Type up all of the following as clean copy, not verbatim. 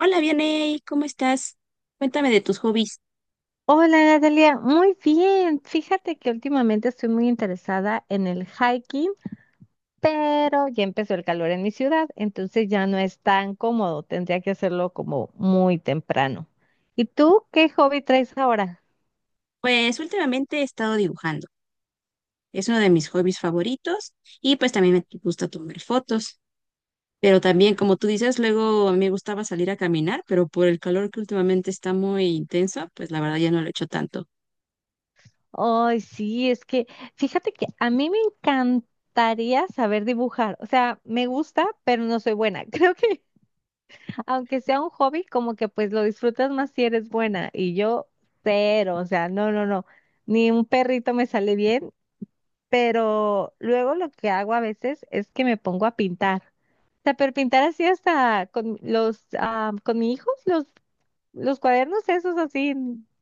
Hola, Vianey, ¿cómo estás? Cuéntame de tus hobbies. Hola Natalia, muy bien. Fíjate que últimamente estoy muy interesada en el hiking, pero ya empezó el calor en mi ciudad, entonces ya no es tan cómodo. Tendría que hacerlo como muy temprano. ¿Y tú qué hobby traes ahora? Pues últimamente he estado dibujando. Es uno de mis hobbies favoritos y pues también me gusta tomar fotos. Pero también, como tú dices, luego a mí me gustaba salir a caminar, pero por el calor que últimamente está muy intenso, pues la verdad ya no lo he hecho tanto. Ay, sí, es que fíjate que a mí me encantaría saber dibujar. O sea, me gusta, pero no soy buena. Creo que aunque sea un hobby, como que pues lo disfrutas más si eres buena. Y yo, cero, o sea, no, no, no, ni un perrito me sale bien, pero luego lo que hago a veces es que me pongo a pintar. O sea, pero pintar así hasta con los, con mi hijo, los cuadernos esos así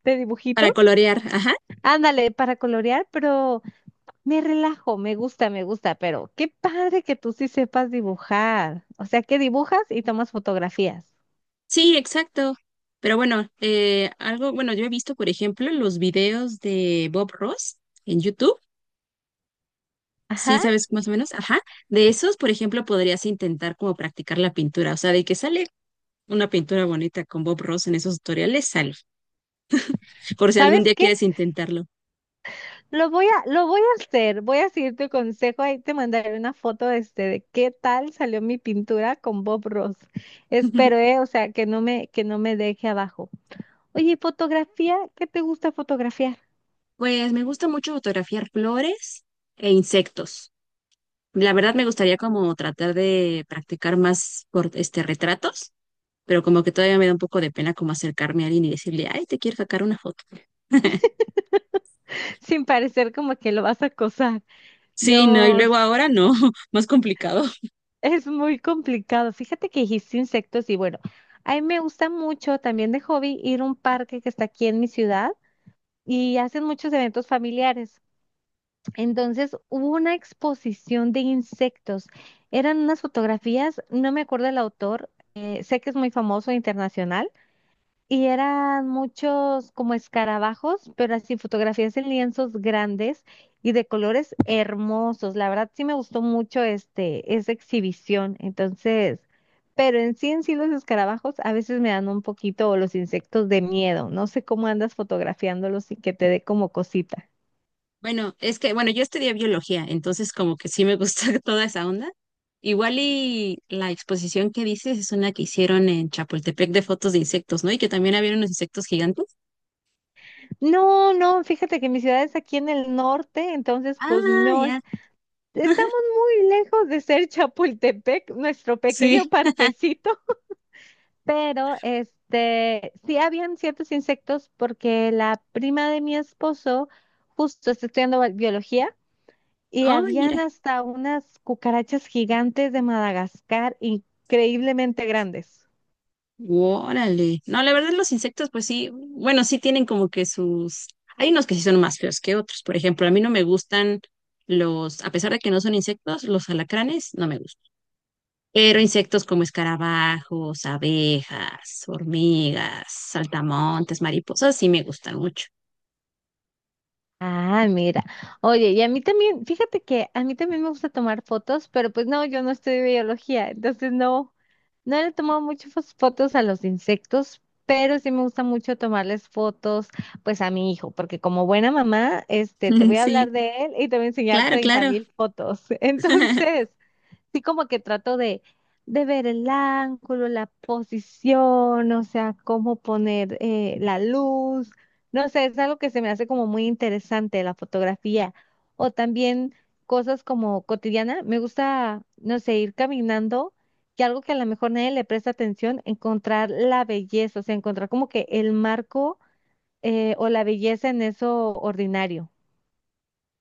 de Para dibujitos. colorear, ajá. Ándale, para colorear, pero me relajo, me gusta, pero qué padre que tú sí sepas dibujar. O sea, que dibujas y tomas fotografías. Sí, exacto. Pero bueno, algo, bueno, yo he visto, por ejemplo, los videos de Bob Ross en YouTube. Sí, Ajá. sabes más o menos, ajá. De esos, por ejemplo, podrías intentar como practicar la pintura, o sea, de que sale una pintura bonita con Bob Ross en esos tutoriales, sale, por si algún ¿Sabes día qué? quieres intentarlo. Lo voy a hacer, voy a seguir tu consejo, ahí te mandaré una foto de, este, de qué tal salió mi pintura con Bob Ross. Espero, o sea, que no me deje abajo. Oye, fotografía, ¿qué te gusta fotografiar? Pues me gusta mucho fotografiar flores e insectos. La verdad me gustaría como tratar de practicar más por este retratos, pero como que todavía me da un poco de pena como acercarme a alguien y decirle, ay, te quiero sacar una foto. Sin parecer como que lo vas a acosar. Sí, no, y No, luego ahora no, más complicado. es muy complicado. Fíjate que dijiste insectos y bueno, a mí me gusta mucho también de hobby ir a un parque que está aquí en mi ciudad y hacen muchos eventos familiares. Entonces hubo una exposición de insectos. Eran unas fotografías, no me acuerdo del autor, sé que es muy famoso internacional, y eran muchos como escarabajos, pero así fotografías en lienzos grandes y de colores hermosos. La verdad sí me gustó mucho esa exhibición. Entonces, pero en sí los escarabajos a veces me dan un poquito, o los insectos de miedo. No sé cómo andas fotografiándolos y que te dé como cosita. Bueno, es que, bueno, yo estudié biología, entonces como que sí me gusta toda esa onda. Igual y la exposición que dices es una que hicieron en Chapultepec de fotos de insectos, ¿no? Y que también había unos insectos gigantes. No, no, fíjate que mi ciudad es aquí en el norte, entonces pues Ah, no ya. es, estamos muy lejos de ser Chapultepec, nuestro Sí. pequeño parquecito, pero este, sí habían ciertos insectos porque la prima de mi esposo justo está estudiando biología y Oh, habían mira. hasta unas cucarachas gigantes de Madagascar increíblemente grandes. Órale. No, la verdad los insectos, pues sí, bueno, sí tienen como que sus... Hay unos que sí son más feos que otros. Por ejemplo, a mí no me gustan los, a pesar de que no son insectos, los alacranes no me gustan. Pero insectos como escarabajos, abejas, hormigas, saltamontes, mariposas, sí me gustan mucho. Ah, mira. Oye, y a mí también, fíjate que a mí también me gusta tomar fotos, pero pues no, yo no estudio biología, entonces no, no le he tomado muchas fotos a los insectos, pero sí me gusta mucho tomarles fotos, pues a mi hijo, porque como buena mamá, este, te voy a hablar Sí, de él y te voy a enseñar claro, treinta claro. mil fotos. Entonces, sí, como que trato de ver el ángulo, la posición, o sea, cómo poner la luz. No sé, es algo que se me hace como muy interesante la fotografía. O también cosas como cotidiana. Me gusta, no sé, ir caminando y algo que a lo mejor nadie le presta atención, encontrar la belleza, o sea, encontrar como que el marco o la belleza en eso ordinario.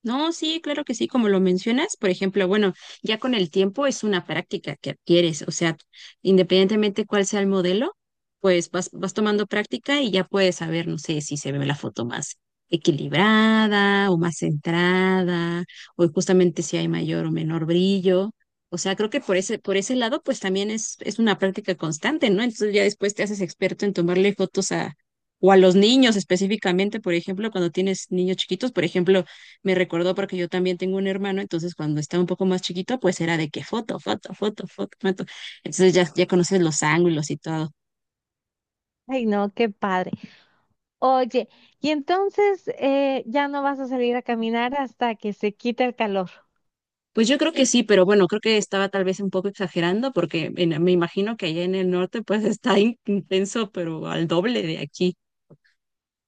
No, sí, claro que sí, como lo mencionas, por ejemplo, bueno, ya con el tiempo es una práctica que adquieres, o sea, independientemente cuál sea el modelo, pues vas tomando práctica y ya puedes saber, no sé, si se ve la foto más equilibrada o más centrada, o justamente si hay mayor o menor brillo. O sea, creo que por ese lado, pues también es una práctica constante, ¿no? Entonces ya después te haces experto en tomarle fotos a, o a los niños específicamente, por ejemplo, cuando tienes niños chiquitos, por ejemplo me recordó porque yo también tengo un hermano, entonces cuando estaba un poco más chiquito, pues era de que foto, foto, foto, foto, foto. Entonces ya conoces los ángulos y todo. Ay, no, qué padre. Oye, y entonces ya no vas a salir a caminar hasta que se quite el calor. Pues yo creo que sí, pero bueno, creo que estaba tal vez un poco exagerando porque me imagino que allá en el norte pues está intenso, pero al doble de aquí.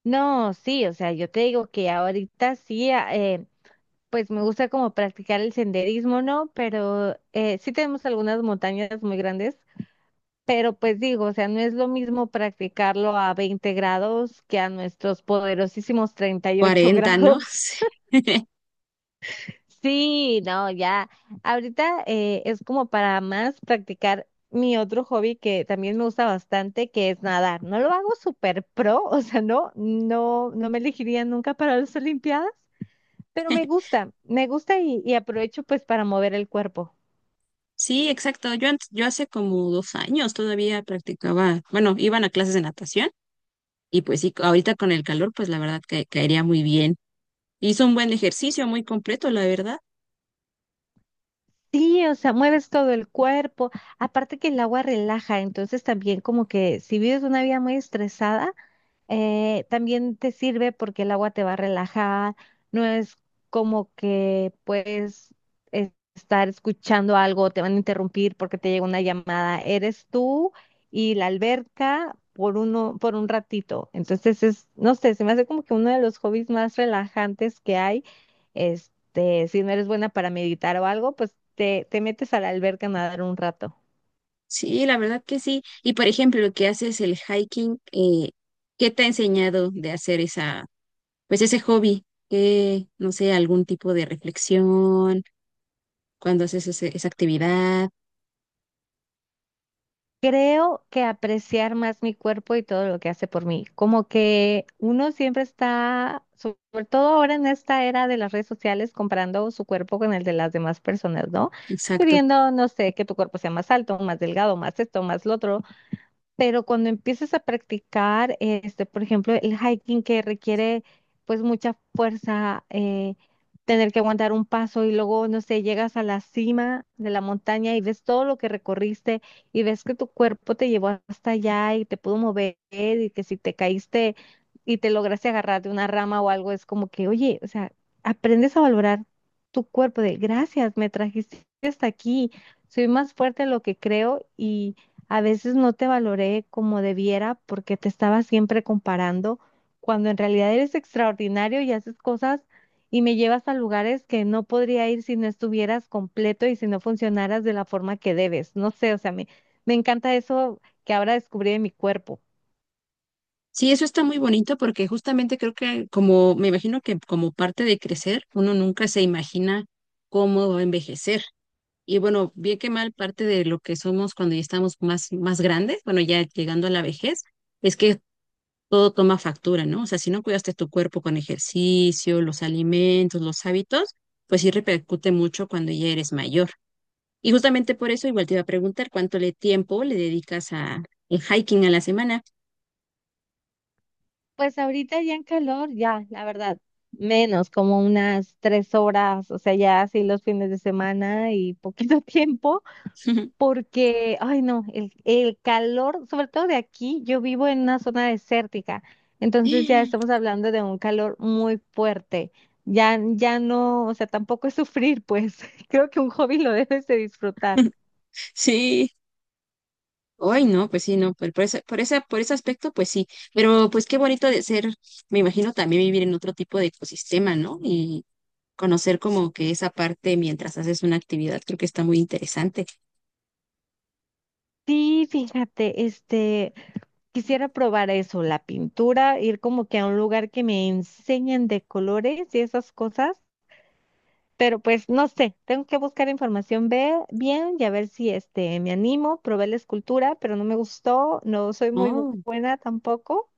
No, sí, o sea, yo te digo que ahorita sí, pues me gusta como practicar el senderismo, ¿no? Pero sí tenemos algunas montañas muy grandes, pero pues digo, o sea, no es lo mismo practicarlo a 20 grados que a nuestros poderosísimos 38 Cuarenta, ¿no? grados. Sí, no, ya. Ahorita es como para más practicar mi otro hobby que también me gusta bastante, que es nadar. No lo hago súper pro, o sea, no, no, no me elegiría nunca para las Olimpiadas, pero Sí. Me gusta y aprovecho pues para mover el cuerpo. Sí, exacto. Yo, yo hace como 2 años todavía practicaba, bueno, iban a clases de natación y pues sí, ahorita con el calor, pues la verdad que caería muy bien. Hizo un buen ejercicio, muy completo, la verdad. Sí, o sea, mueves todo el cuerpo. Aparte que el agua relaja, entonces también como que si vives una vida muy estresada, también te sirve porque el agua te va a relajar, no es como que puedes estar escuchando algo, te van a interrumpir porque te llega una llamada, eres tú y la alberca por uno, por un ratito. Entonces es, no sé, se me hace como que uno de los hobbies más relajantes que hay. Este, si no eres buena para meditar o algo, pues te metes a la alberca a nadar un rato. Sí, la verdad que sí. Y por ejemplo, lo que haces el hiking, ¿qué te ha enseñado de hacer esa, pues ese hobby? No sé, algún tipo de reflexión cuando haces esa actividad. Creo que apreciar más mi cuerpo y todo lo que hace por mí. Como que uno siempre está, sobre todo ahora en esta era de las redes sociales, comparando su cuerpo con el de las demás personas, ¿no? Exacto. Queriendo, no sé, que tu cuerpo sea más alto, más delgado, más esto, más lo otro. Pero cuando empiezas a practicar, este, por ejemplo, el hiking que requiere pues mucha fuerza, tener que aguantar un paso y luego, no sé, llegas a la cima de la montaña y ves todo lo que recorriste y ves que tu cuerpo te llevó hasta allá y te pudo mover y que si te caíste y te lograste agarrar de una rama o algo, es como que, oye, o sea, aprendes a valorar tu cuerpo de gracias, me trajiste hasta aquí, soy más fuerte de lo que creo y... A veces no te valoré como debiera porque te estaba siempre comparando, cuando en realidad eres extraordinario y haces cosas y me llevas a lugares que no podría ir si no estuvieras completo y si no funcionaras de la forma que debes. No sé, o sea, me encanta eso que ahora descubrí de mi cuerpo. Sí, eso está muy bonito porque justamente creo que como, me imagino que como parte de crecer, uno nunca se imagina cómo va a envejecer. Y bueno, bien que mal, parte de lo que somos cuando ya estamos más grandes, bueno, ya llegando a la vejez, es que todo toma factura, ¿no? O sea, si no cuidaste tu cuerpo con ejercicio, los alimentos, los hábitos, pues sí repercute mucho cuando ya eres mayor. Y justamente por eso igual te iba a preguntar cuánto le tiempo le dedicas a el hiking a la semana. Pues ahorita ya en calor, ya, la verdad, menos, como unas 3 horas, o sea, ya así los fines de semana y poquito tiempo. Porque, ay no, el calor, sobre todo de aquí, yo vivo en una zona desértica, entonces ya estamos hablando de un calor muy fuerte. Ya, ya no, o sea, tampoco es sufrir, pues creo que un hobby lo debes de disfrutar. Sí, hoy no, pues sí, no, por ese, por esa, por ese aspecto, pues sí, pero pues qué bonito de ser, me imagino también vivir en otro tipo de ecosistema, ¿no? Conocer como que esa parte mientras haces una actividad, creo que está muy interesante. Sí, fíjate, este, quisiera probar eso, la pintura, ir como que a un lugar que me enseñen de colores y esas cosas, pero pues no sé, tengo que buscar información bien y a ver si este me animo, probé la escultura, pero no me gustó, no soy muy Oh, buena tampoco.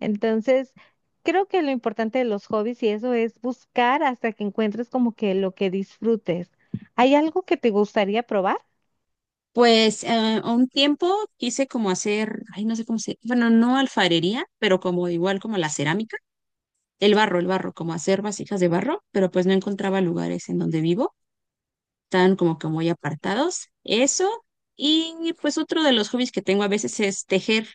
Entonces, creo que lo importante de los hobbies y eso es buscar hasta que encuentres como que lo que disfrutes. ¿Hay algo que te gustaría probar? pues a un tiempo quise como hacer, ay, no sé cómo se, bueno, no alfarería, pero como igual como la cerámica, el barro, como hacer vasijas de barro, pero pues no encontraba lugares en donde vivo, tan como que muy apartados. Eso, y pues otro de los hobbies que tengo a veces es tejer.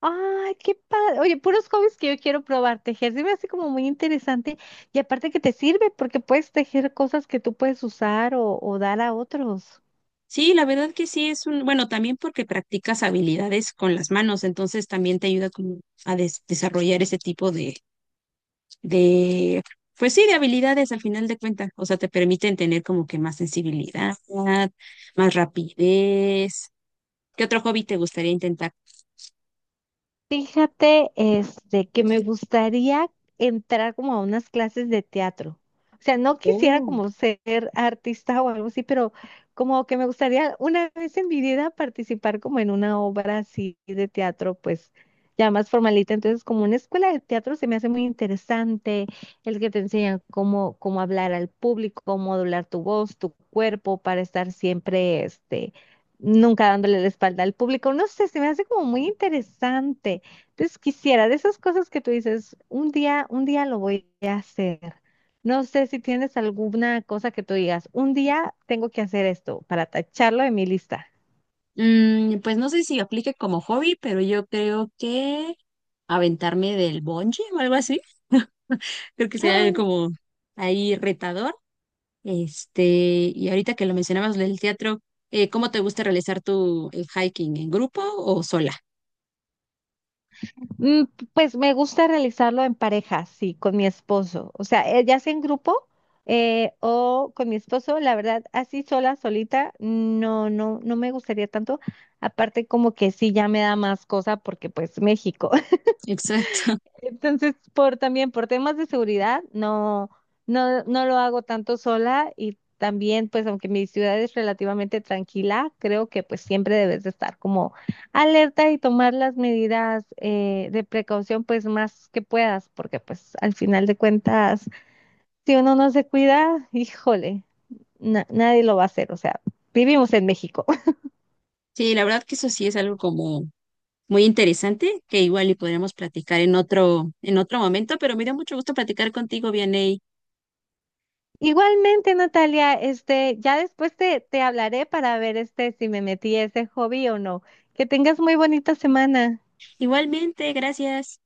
Ay, qué padre. Oye, puros hobbies que yo quiero probar. Tejer se me hace como muy interesante y aparte que te sirve porque puedes tejer cosas que tú puedes usar o dar a otros. Sí, la verdad que sí es un, bueno, también porque practicas habilidades con las manos, entonces también te ayuda como a desarrollar ese tipo de, pues sí, de habilidades al final de cuentas. O sea, te permiten tener como que más sensibilidad, más rapidez. ¿Qué otro hobby te gustaría intentar? Fíjate, este, que me gustaría entrar como a unas clases de teatro. O sea, no quisiera Oh. como ser artista o algo así, pero como que me gustaría una vez en mi vida participar como en una obra así de teatro, pues ya más formalita. Entonces, como una escuela de teatro se me hace muy interesante, el que te enseñan cómo, cómo hablar al público, cómo modular tu voz, tu cuerpo, para estar siempre, este, nunca dándole la espalda al público. No sé, se me hace como muy interesante. Entonces quisiera, de esas cosas que tú dices, un día lo voy a hacer. No sé si tienes alguna cosa que tú digas, un día tengo que hacer esto para tacharlo en mi lista. Mm, pues no sé si aplique como hobby, pero yo creo que aventarme del bungee o algo así. Creo que ¡Ah! sería como ahí retador. Este, y ahorita que lo mencionabas del teatro, ¿cómo te gusta realizar tu el hiking? ¿En grupo o sola? Mm, pues me gusta realizarlo en pareja, sí, con mi esposo. O sea, ya sea en grupo o con mi esposo, la verdad, así sola, solita, no, no, no me gustaría tanto. Aparte, como que sí, ya me da más cosa porque pues México. Exacto. Entonces, por también por temas de seguridad, no, no, no lo hago tanto sola y también, pues, aunque mi ciudad es relativamente tranquila, creo que pues siempre debes de estar como alerta y tomar las medidas de precaución, pues, más que puedas, porque pues al final de cuentas, si uno no se cuida, híjole, nadie lo va a hacer. O sea, vivimos en México. Sí, la verdad que eso sí es algo como muy interesante que igual y podríamos platicar en otro momento, pero me dio mucho gusto platicar contigo, Vianey. Igualmente, Natalia, este, ya después te hablaré para ver este si me metí a ese hobby o no. Que tengas muy bonita semana. Igualmente, gracias.